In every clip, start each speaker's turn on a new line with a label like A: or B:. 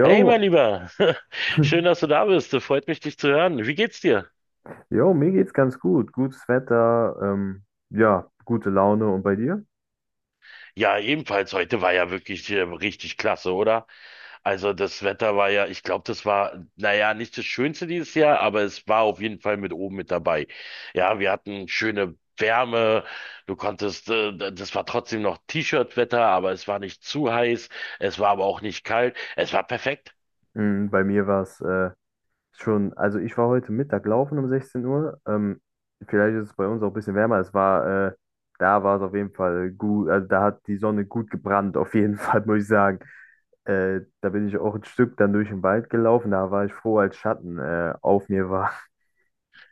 A: Jo,
B: Hey, mein Lieber. Schön, dass du da bist. Freut mich, dich zu hören. Wie geht's dir?
A: jo, mir geht's ganz gut. Gutes Wetter, ja, gute Laune. Und bei dir?
B: Ja, ebenfalls. Heute war ja wirklich richtig klasse, oder? Also das Wetter war ja, ich glaube, das war, naja, nicht das Schönste dieses Jahr, aber es war auf jeden Fall mit oben mit dabei. Ja, wir hatten schöne Wärme. Du konntest, das war trotzdem noch T-Shirt-Wetter, aber es war nicht zu heiß. Es war aber auch nicht kalt. Es war perfekt.
A: Bei mir war es schon, also ich war heute Mittag laufen um 16 Uhr. Vielleicht ist es bei uns auch ein bisschen wärmer. Da war es auf jeden Fall gut, also da hat die Sonne gut gebrannt, auf jeden Fall, muss ich sagen. Da bin ich auch ein Stück dann durch den Wald gelaufen. Da war ich froh, als Schatten auf mir war.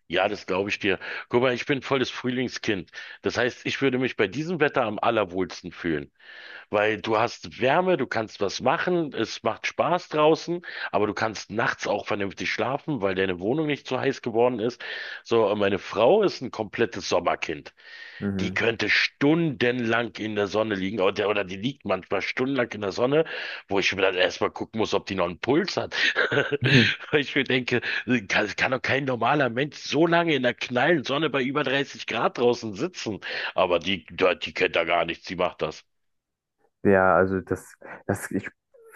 B: Ja, das glaube ich dir. Guck mal, ich bin volles Frühlingskind. Das heißt, ich würde mich bei diesem Wetter am allerwohlsten fühlen, weil du hast Wärme, du kannst was machen, es macht Spaß draußen, aber du kannst nachts auch vernünftig schlafen, weil deine Wohnung nicht zu heiß geworden ist. So, und meine Frau ist ein komplettes Sommerkind. Die
A: Mhm.
B: könnte stundenlang in der Sonne liegen, oder die liegt manchmal stundenlang in der Sonne, wo ich mir dann erstmal gucken muss, ob die noch einen Puls hat. Weil ich mir denke, kann doch kein normaler Mensch so lange in der knallen Sonne bei über 30 Grad draußen sitzen. Aber die kennt da gar nichts, die macht das.
A: Ja, also ich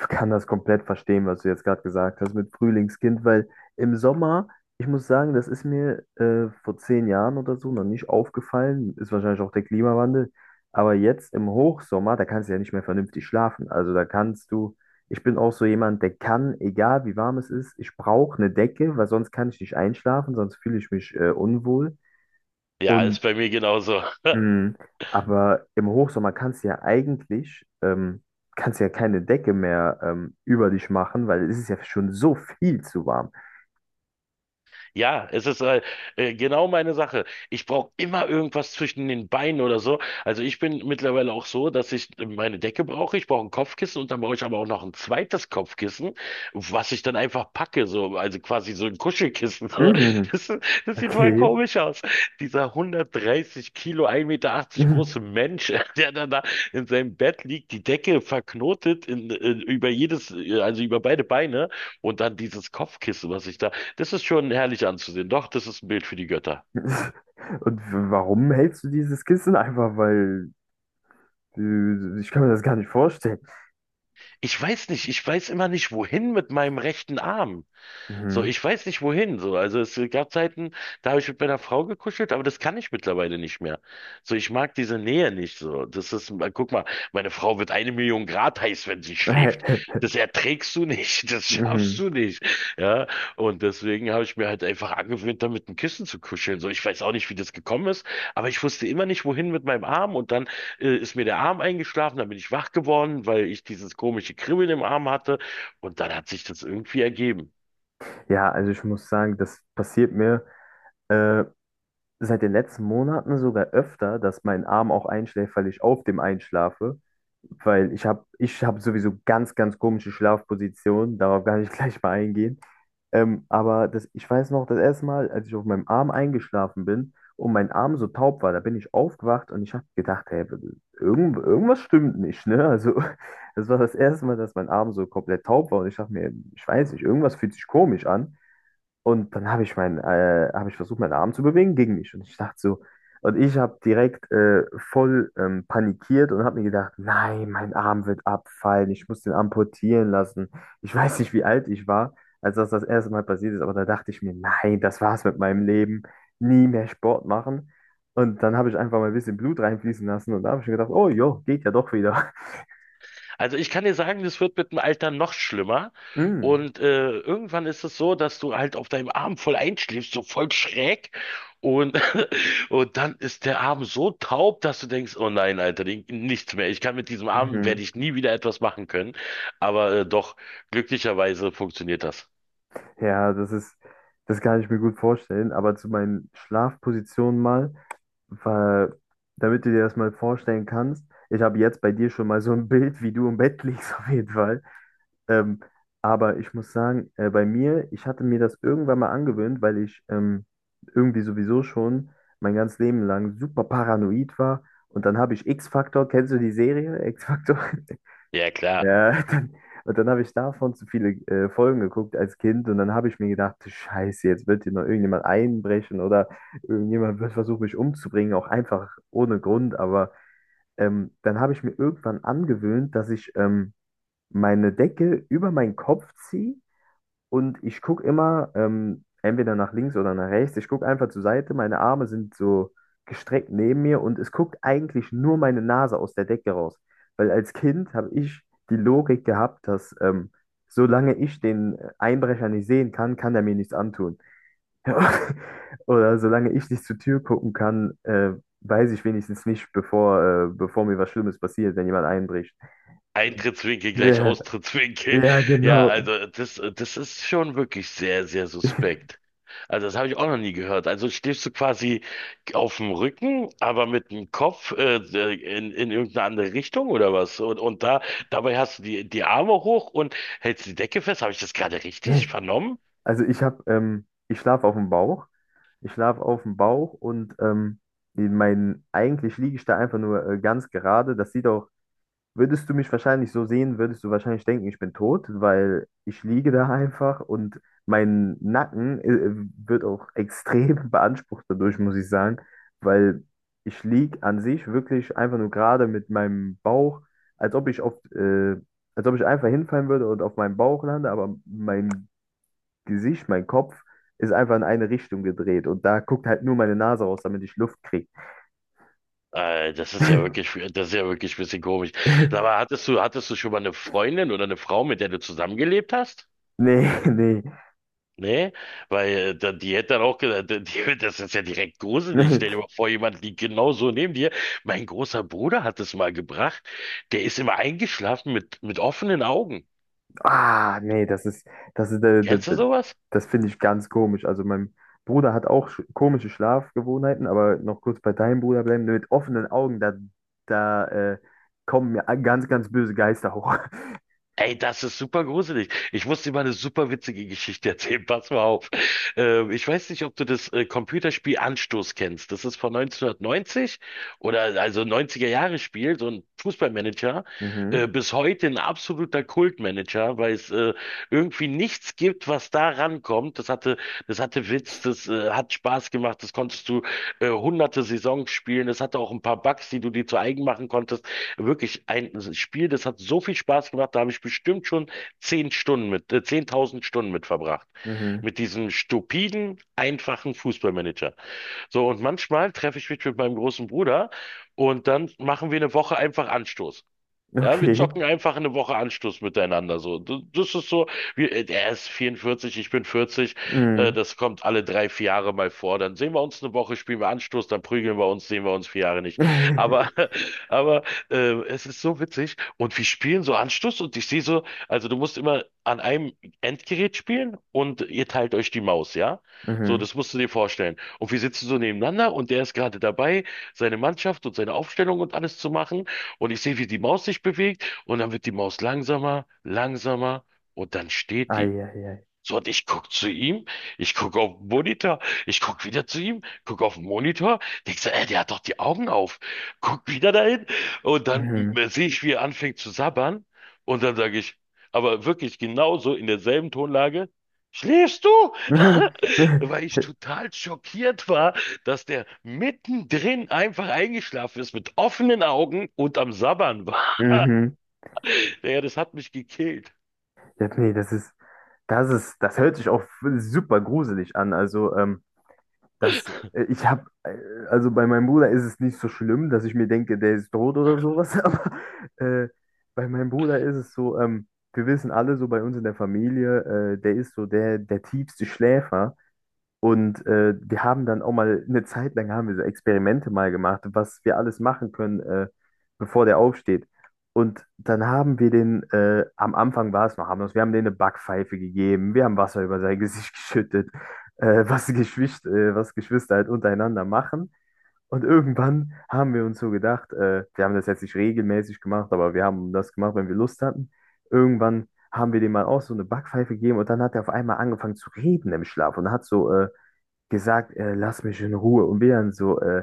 A: kann das komplett verstehen, was du jetzt gerade gesagt hast mit Frühlingskind, weil im Sommer, ich muss sagen, das ist mir vor 10 Jahren oder so noch nicht aufgefallen, ist wahrscheinlich auch der Klimawandel, aber jetzt im Hochsommer, da kannst du ja nicht mehr vernünftig schlafen. Also da kannst du, ich bin auch so jemand, der kann, egal wie warm es ist, ich brauche eine Decke, weil sonst kann ich nicht einschlafen, sonst fühle ich mich unwohl.
B: Ja, ist
A: Und
B: bei mir genauso.
A: Mhm. Aber im Hochsommer kannst du ja eigentlich, kannst ja keine Decke mehr über dich machen, weil es ist ja schon so viel zu warm.
B: Ja, es ist genau meine Sache. Ich brauche immer irgendwas zwischen den Beinen oder so. Also ich bin mittlerweile auch so, dass ich meine Decke brauche, ich brauche ein Kopfkissen und dann brauche ich aber auch noch ein zweites Kopfkissen, was ich dann einfach packe, so, also quasi so ein Kuschelkissen. So.
A: Mhm.
B: Das, das sieht voll
A: Okay.
B: komisch aus. Dieser 130 Kilo, 1,80 Meter achtzig
A: Mhm.
B: große Mensch, der dann da in seinem Bett liegt, die Decke verknotet über jedes, also über beide Beine und dann dieses Kopfkissen, was ich da, das ist schon herrlich anzusehen. Doch, das ist ein Bild für die Götter.
A: Und warum hältst du dieses Kissen? Einfach weil ich kann mir das gar nicht vorstellen.
B: Ich weiß nicht, ich weiß immer nicht, wohin mit meinem rechten Arm. So,
A: Mhm.
B: ich weiß nicht, wohin. So, also es gab Zeiten, da habe ich mit meiner Frau gekuschelt, aber das kann ich mittlerweile nicht mehr. So, ich mag diese Nähe nicht. So, das ist, guck mal, meine Frau wird eine Million Grad heiß, wenn sie schläft. Das erträgst du nicht, das schaffst
A: Mhm.
B: du nicht. Ja, und deswegen habe ich mir halt einfach angewöhnt, da mit dem Kissen zu kuscheln. So, ich weiß auch nicht, wie das gekommen ist, aber ich wusste immer nicht, wohin mit meinem Arm, und dann ist mir der Arm eingeschlafen, dann bin ich wach geworden, weil ich dieses komische Kribbeln im Arm hatte, und dann hat sich das irgendwie ergeben.
A: Ja, also ich muss sagen, das passiert mir äh, seit den letzten Monaten sogar öfter, dass mein Arm auch einschläft, weil ich auf dem einschlafe. Weil ich hab sowieso ganz, ganz komische Schlafpositionen, darauf kann ich gleich mal eingehen. Aber ich weiß noch, das erste Mal, als ich auf meinem Arm eingeschlafen bin und mein Arm so taub war, da bin ich aufgewacht und ich habe gedacht, hey, irgendwas stimmt nicht, ne? Also, das war das erste Mal, dass mein Arm so komplett taub war und ich dachte mir, ich weiß nicht, irgendwas fühlt sich komisch an. Und dann habe ich versucht, meinen Arm zu bewegen gegen mich. Und ich dachte so, und ich habe direkt voll panikiert und habe mir gedacht, nein, mein Arm wird abfallen, ich muss den amputieren lassen. Ich weiß nicht, wie alt ich war, als das das erste Mal passiert ist, aber da dachte ich mir, nein, das war's mit meinem Leben, nie mehr Sport machen. Und dann habe ich einfach mal ein bisschen Blut reinfließen lassen und da habe ich mir gedacht, oh jo, geht ja doch wieder.
B: Also ich kann dir sagen, das wird mit dem Alter noch schlimmer,
A: Mm,
B: und irgendwann ist es so, dass du halt auf deinem Arm voll einschläfst, so voll schräg, und und dann ist der Arm so taub, dass du denkst, oh nein, Alter, nichts mehr. Ich kann mit diesem Arm
A: mhm.
B: werde ich nie wieder etwas machen können, aber doch glücklicherweise funktioniert das.
A: Ja, das kann ich mir gut vorstellen, aber zu meinen Schlafpositionen mal. Weil, damit du dir das mal vorstellen kannst, ich habe jetzt bei dir schon mal so ein Bild, wie du im Bett liegst, auf jeden Fall. Ähm, aber ich muss sagen, bei mir, ich hatte mir das irgendwann mal angewöhnt, weil ich irgendwie sowieso schon mein ganzes Leben lang super paranoid war. Und dann habe ich X-Factor, kennst du die Serie X-Factor?
B: Ja, klar.
A: Ja, und dann habe ich davon zu viele Folgen geguckt als Kind und dann habe ich mir gedacht, Scheiße, jetzt wird hier noch irgendjemand einbrechen oder irgendjemand wird versuchen, mich umzubringen, auch einfach ohne Grund. Aber dann habe ich mir irgendwann angewöhnt, dass ich meine Decke über meinen Kopf ziehe und ich gucke immer entweder nach links oder nach rechts. Ich gucke einfach zur Seite. Meine Arme sind so gestreckt neben mir und es guckt eigentlich nur meine Nase aus der Decke raus. Weil als Kind habe ich die Logik gehabt, dass solange ich den Einbrecher nicht sehen kann, kann er mir nichts antun. Oder solange ich nicht zur Tür gucken kann, weiß ich wenigstens nicht, bevor mir was Schlimmes passiert, wenn jemand einbricht.
B: Eintrittswinkel gleich
A: Ja,
B: Austrittswinkel.
A: ja,
B: Ja,
A: genau.
B: also das, das ist schon wirklich sehr, sehr suspekt. Also das habe ich auch noch nie gehört. Also stehst du quasi auf dem Rücken, aber mit dem Kopf in irgendeine andere Richtung oder was? Und da dabei hast du die Arme hoch und hältst die Decke fest. Habe ich das gerade richtig vernommen?
A: Also ich schlafe auf dem Bauch. Ich schlafe auf dem Bauch und eigentlich liege ich da einfach nur ganz gerade. Würdest du mich wahrscheinlich so sehen, würdest du wahrscheinlich denken, ich bin tot, weil ich liege da einfach und mein Nacken wird auch extrem beansprucht dadurch, muss ich sagen, weil ich liege an sich wirklich einfach nur gerade mit meinem Bauch, als ob ich auf, äh, als ob ich einfach hinfallen würde und auf meinem Bauch lande, aber mein Gesicht, mein Kopf ist einfach in eine Richtung gedreht und da guckt halt nur meine Nase raus, damit ich Luft kriege.
B: Das ist ja wirklich, das ist ja wirklich ein bisschen komisch. Aber hattest du schon mal eine Freundin oder eine Frau, mit der du zusammengelebt hast?
A: Nee, nee.
B: Nee, weil die hätte dann auch gesagt, das ist ja direkt gruselig. Stell dir mal vor, jemand liegt genau so neben dir. Mein großer Bruder hat es mal gebracht. Der ist immer eingeschlafen mit offenen Augen.
A: Ah, nee, das ist, äh, das,
B: Kennst du sowas?
A: das finde ich ganz komisch. Also mein Bruder hat auch komische Schlafgewohnheiten, aber noch kurz bei deinem Bruder bleiben, mit offenen Augen, da äh, kommen mir ganz, ganz böse Geister hoch.
B: Ey, das ist super gruselig. Ich muss dir mal eine super witzige Geschichte erzählen. Pass mal auf. Ich weiß nicht, ob du das Computerspiel Anstoß kennst. Das ist von 1990, oder also 90er Jahre Spiel, so ein Fußballmanager.
A: Mhm,
B: Bis heute ein absoluter Kultmanager, weil es irgendwie nichts gibt, was da rankommt. Das hatte Witz, das hat Spaß gemacht. Das konntest du hunderte Saisons spielen. Es hatte auch ein paar Bugs, die du dir zu eigen machen konntest. Wirklich ein Spiel, das hat so viel Spaß gemacht, da habe ich bestimmt schon 10 Stunden mit, 10.000 Stunden mit verbracht.
A: mhm,
B: Mit diesem stupiden, einfachen Fußballmanager. So, und manchmal treffe ich mich mit meinem großen Bruder, und dann machen wir eine Woche einfach Anstoß. Ja, wir
A: okay.
B: zocken einfach eine Woche Anschluss miteinander. So, das ist so, er ist 44, ich bin 40. Äh,
A: Mhm.
B: das kommt alle 3, 4 Jahre mal vor. Dann sehen wir uns eine Woche, spielen wir Anschluss, dann prügeln wir uns, sehen wir uns 4 Jahre nicht. Aber, aber es ist so witzig. Und wir spielen so Anschluss, und ich sehe so, also du musst immer an einem Endgerät spielen und ihr teilt euch die Maus, ja? So,
A: Mhm.
B: das musst du dir vorstellen. Und wir sitzen so nebeneinander und der ist gerade dabei, seine Mannschaft und seine Aufstellung und alles zu machen. Und ich sehe, wie die Maus sich bewegt, und dann wird die Maus langsamer, langsamer, und dann steht die.
A: Ei, ei, ei.
B: So, und ich guck zu ihm, ich guck auf den Monitor, ich guck wieder zu ihm, guck auf den Monitor, denk so, ey, der hat doch die Augen auf. Guck wieder dahin, und dann
A: Mhm.
B: sehe ich, wie er anfängt zu sabbern, und dann sage ich, aber wirklich genauso in derselben Tonlage: Schläfst du? Weil ich total schockiert war, dass der mittendrin einfach eingeschlafen ist mit offenen Augen und am Sabbern war.
A: Mhm.
B: Ja, das hat mich gekillt.
A: Ja, nee, das hört sich auch super gruselig an. Also, das, äh, ich habe, also bei meinem Bruder ist es nicht so schlimm, dass ich mir denke, der ist tot oder sowas, aber äh, bei meinem Bruder ist es so, wir wissen alle so bei uns in der Familie, der ist so der tiefste Schläfer. Und wir haben dann auch mal eine Zeit lang haben wir so Experimente mal gemacht, was wir alles machen können, bevor der aufsteht. Und dann haben wir den, Am Anfang war es noch harmlos, wir haben denen eine Backpfeife gegeben, wir haben Wasser über sein Gesicht geschüttet, was Geschwister halt untereinander machen. Und irgendwann haben wir uns so gedacht, wir haben das jetzt nicht regelmäßig gemacht, aber wir haben das gemacht, wenn wir Lust hatten. Irgendwann haben wir dem mal auch so eine Backpfeife gegeben und dann hat er auf einmal angefangen zu reden im Schlaf und hat so gesagt, lass mich in Ruhe. Und wir dann so, äh,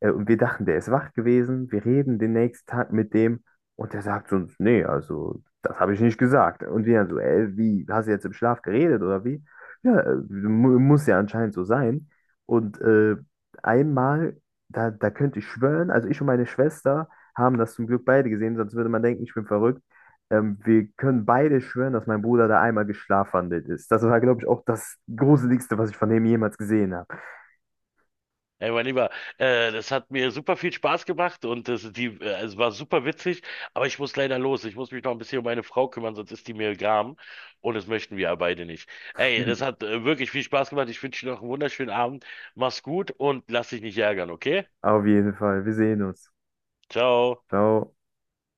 A: äh, und wir dachten, der ist wach gewesen, wir reden den nächsten Tag mit dem und der sagt zu uns, nee, also das habe ich nicht gesagt. Und wir dann so, ey, wie, hast du jetzt im Schlaf geredet oder wie? Ja, mu muss ja anscheinend so sein. Und einmal, da könnte ich schwören, also ich und meine Schwester haben das zum Glück beide gesehen, sonst würde man denken, ich bin verrückt. Wir können beide schwören, dass mein Bruder da einmal geschlafwandelt ist. Das war, glaube ich, auch das Gruseligste, was ich von dem jemals gesehen habe.
B: Ey, mein Lieber, das hat mir super viel Spaß gemacht, und es war super witzig, aber ich muss leider los. Ich muss mich noch ein bisschen um meine Frau kümmern, sonst ist die mir gram, und das möchten wir ja beide nicht. Ey, das hat wirklich viel Spaß gemacht. Ich wünsche dir noch einen wunderschönen Abend. Mach's gut und lass dich nicht ärgern, okay?
A: Auf jeden Fall. Wir sehen uns.
B: Ciao.
A: Ciao.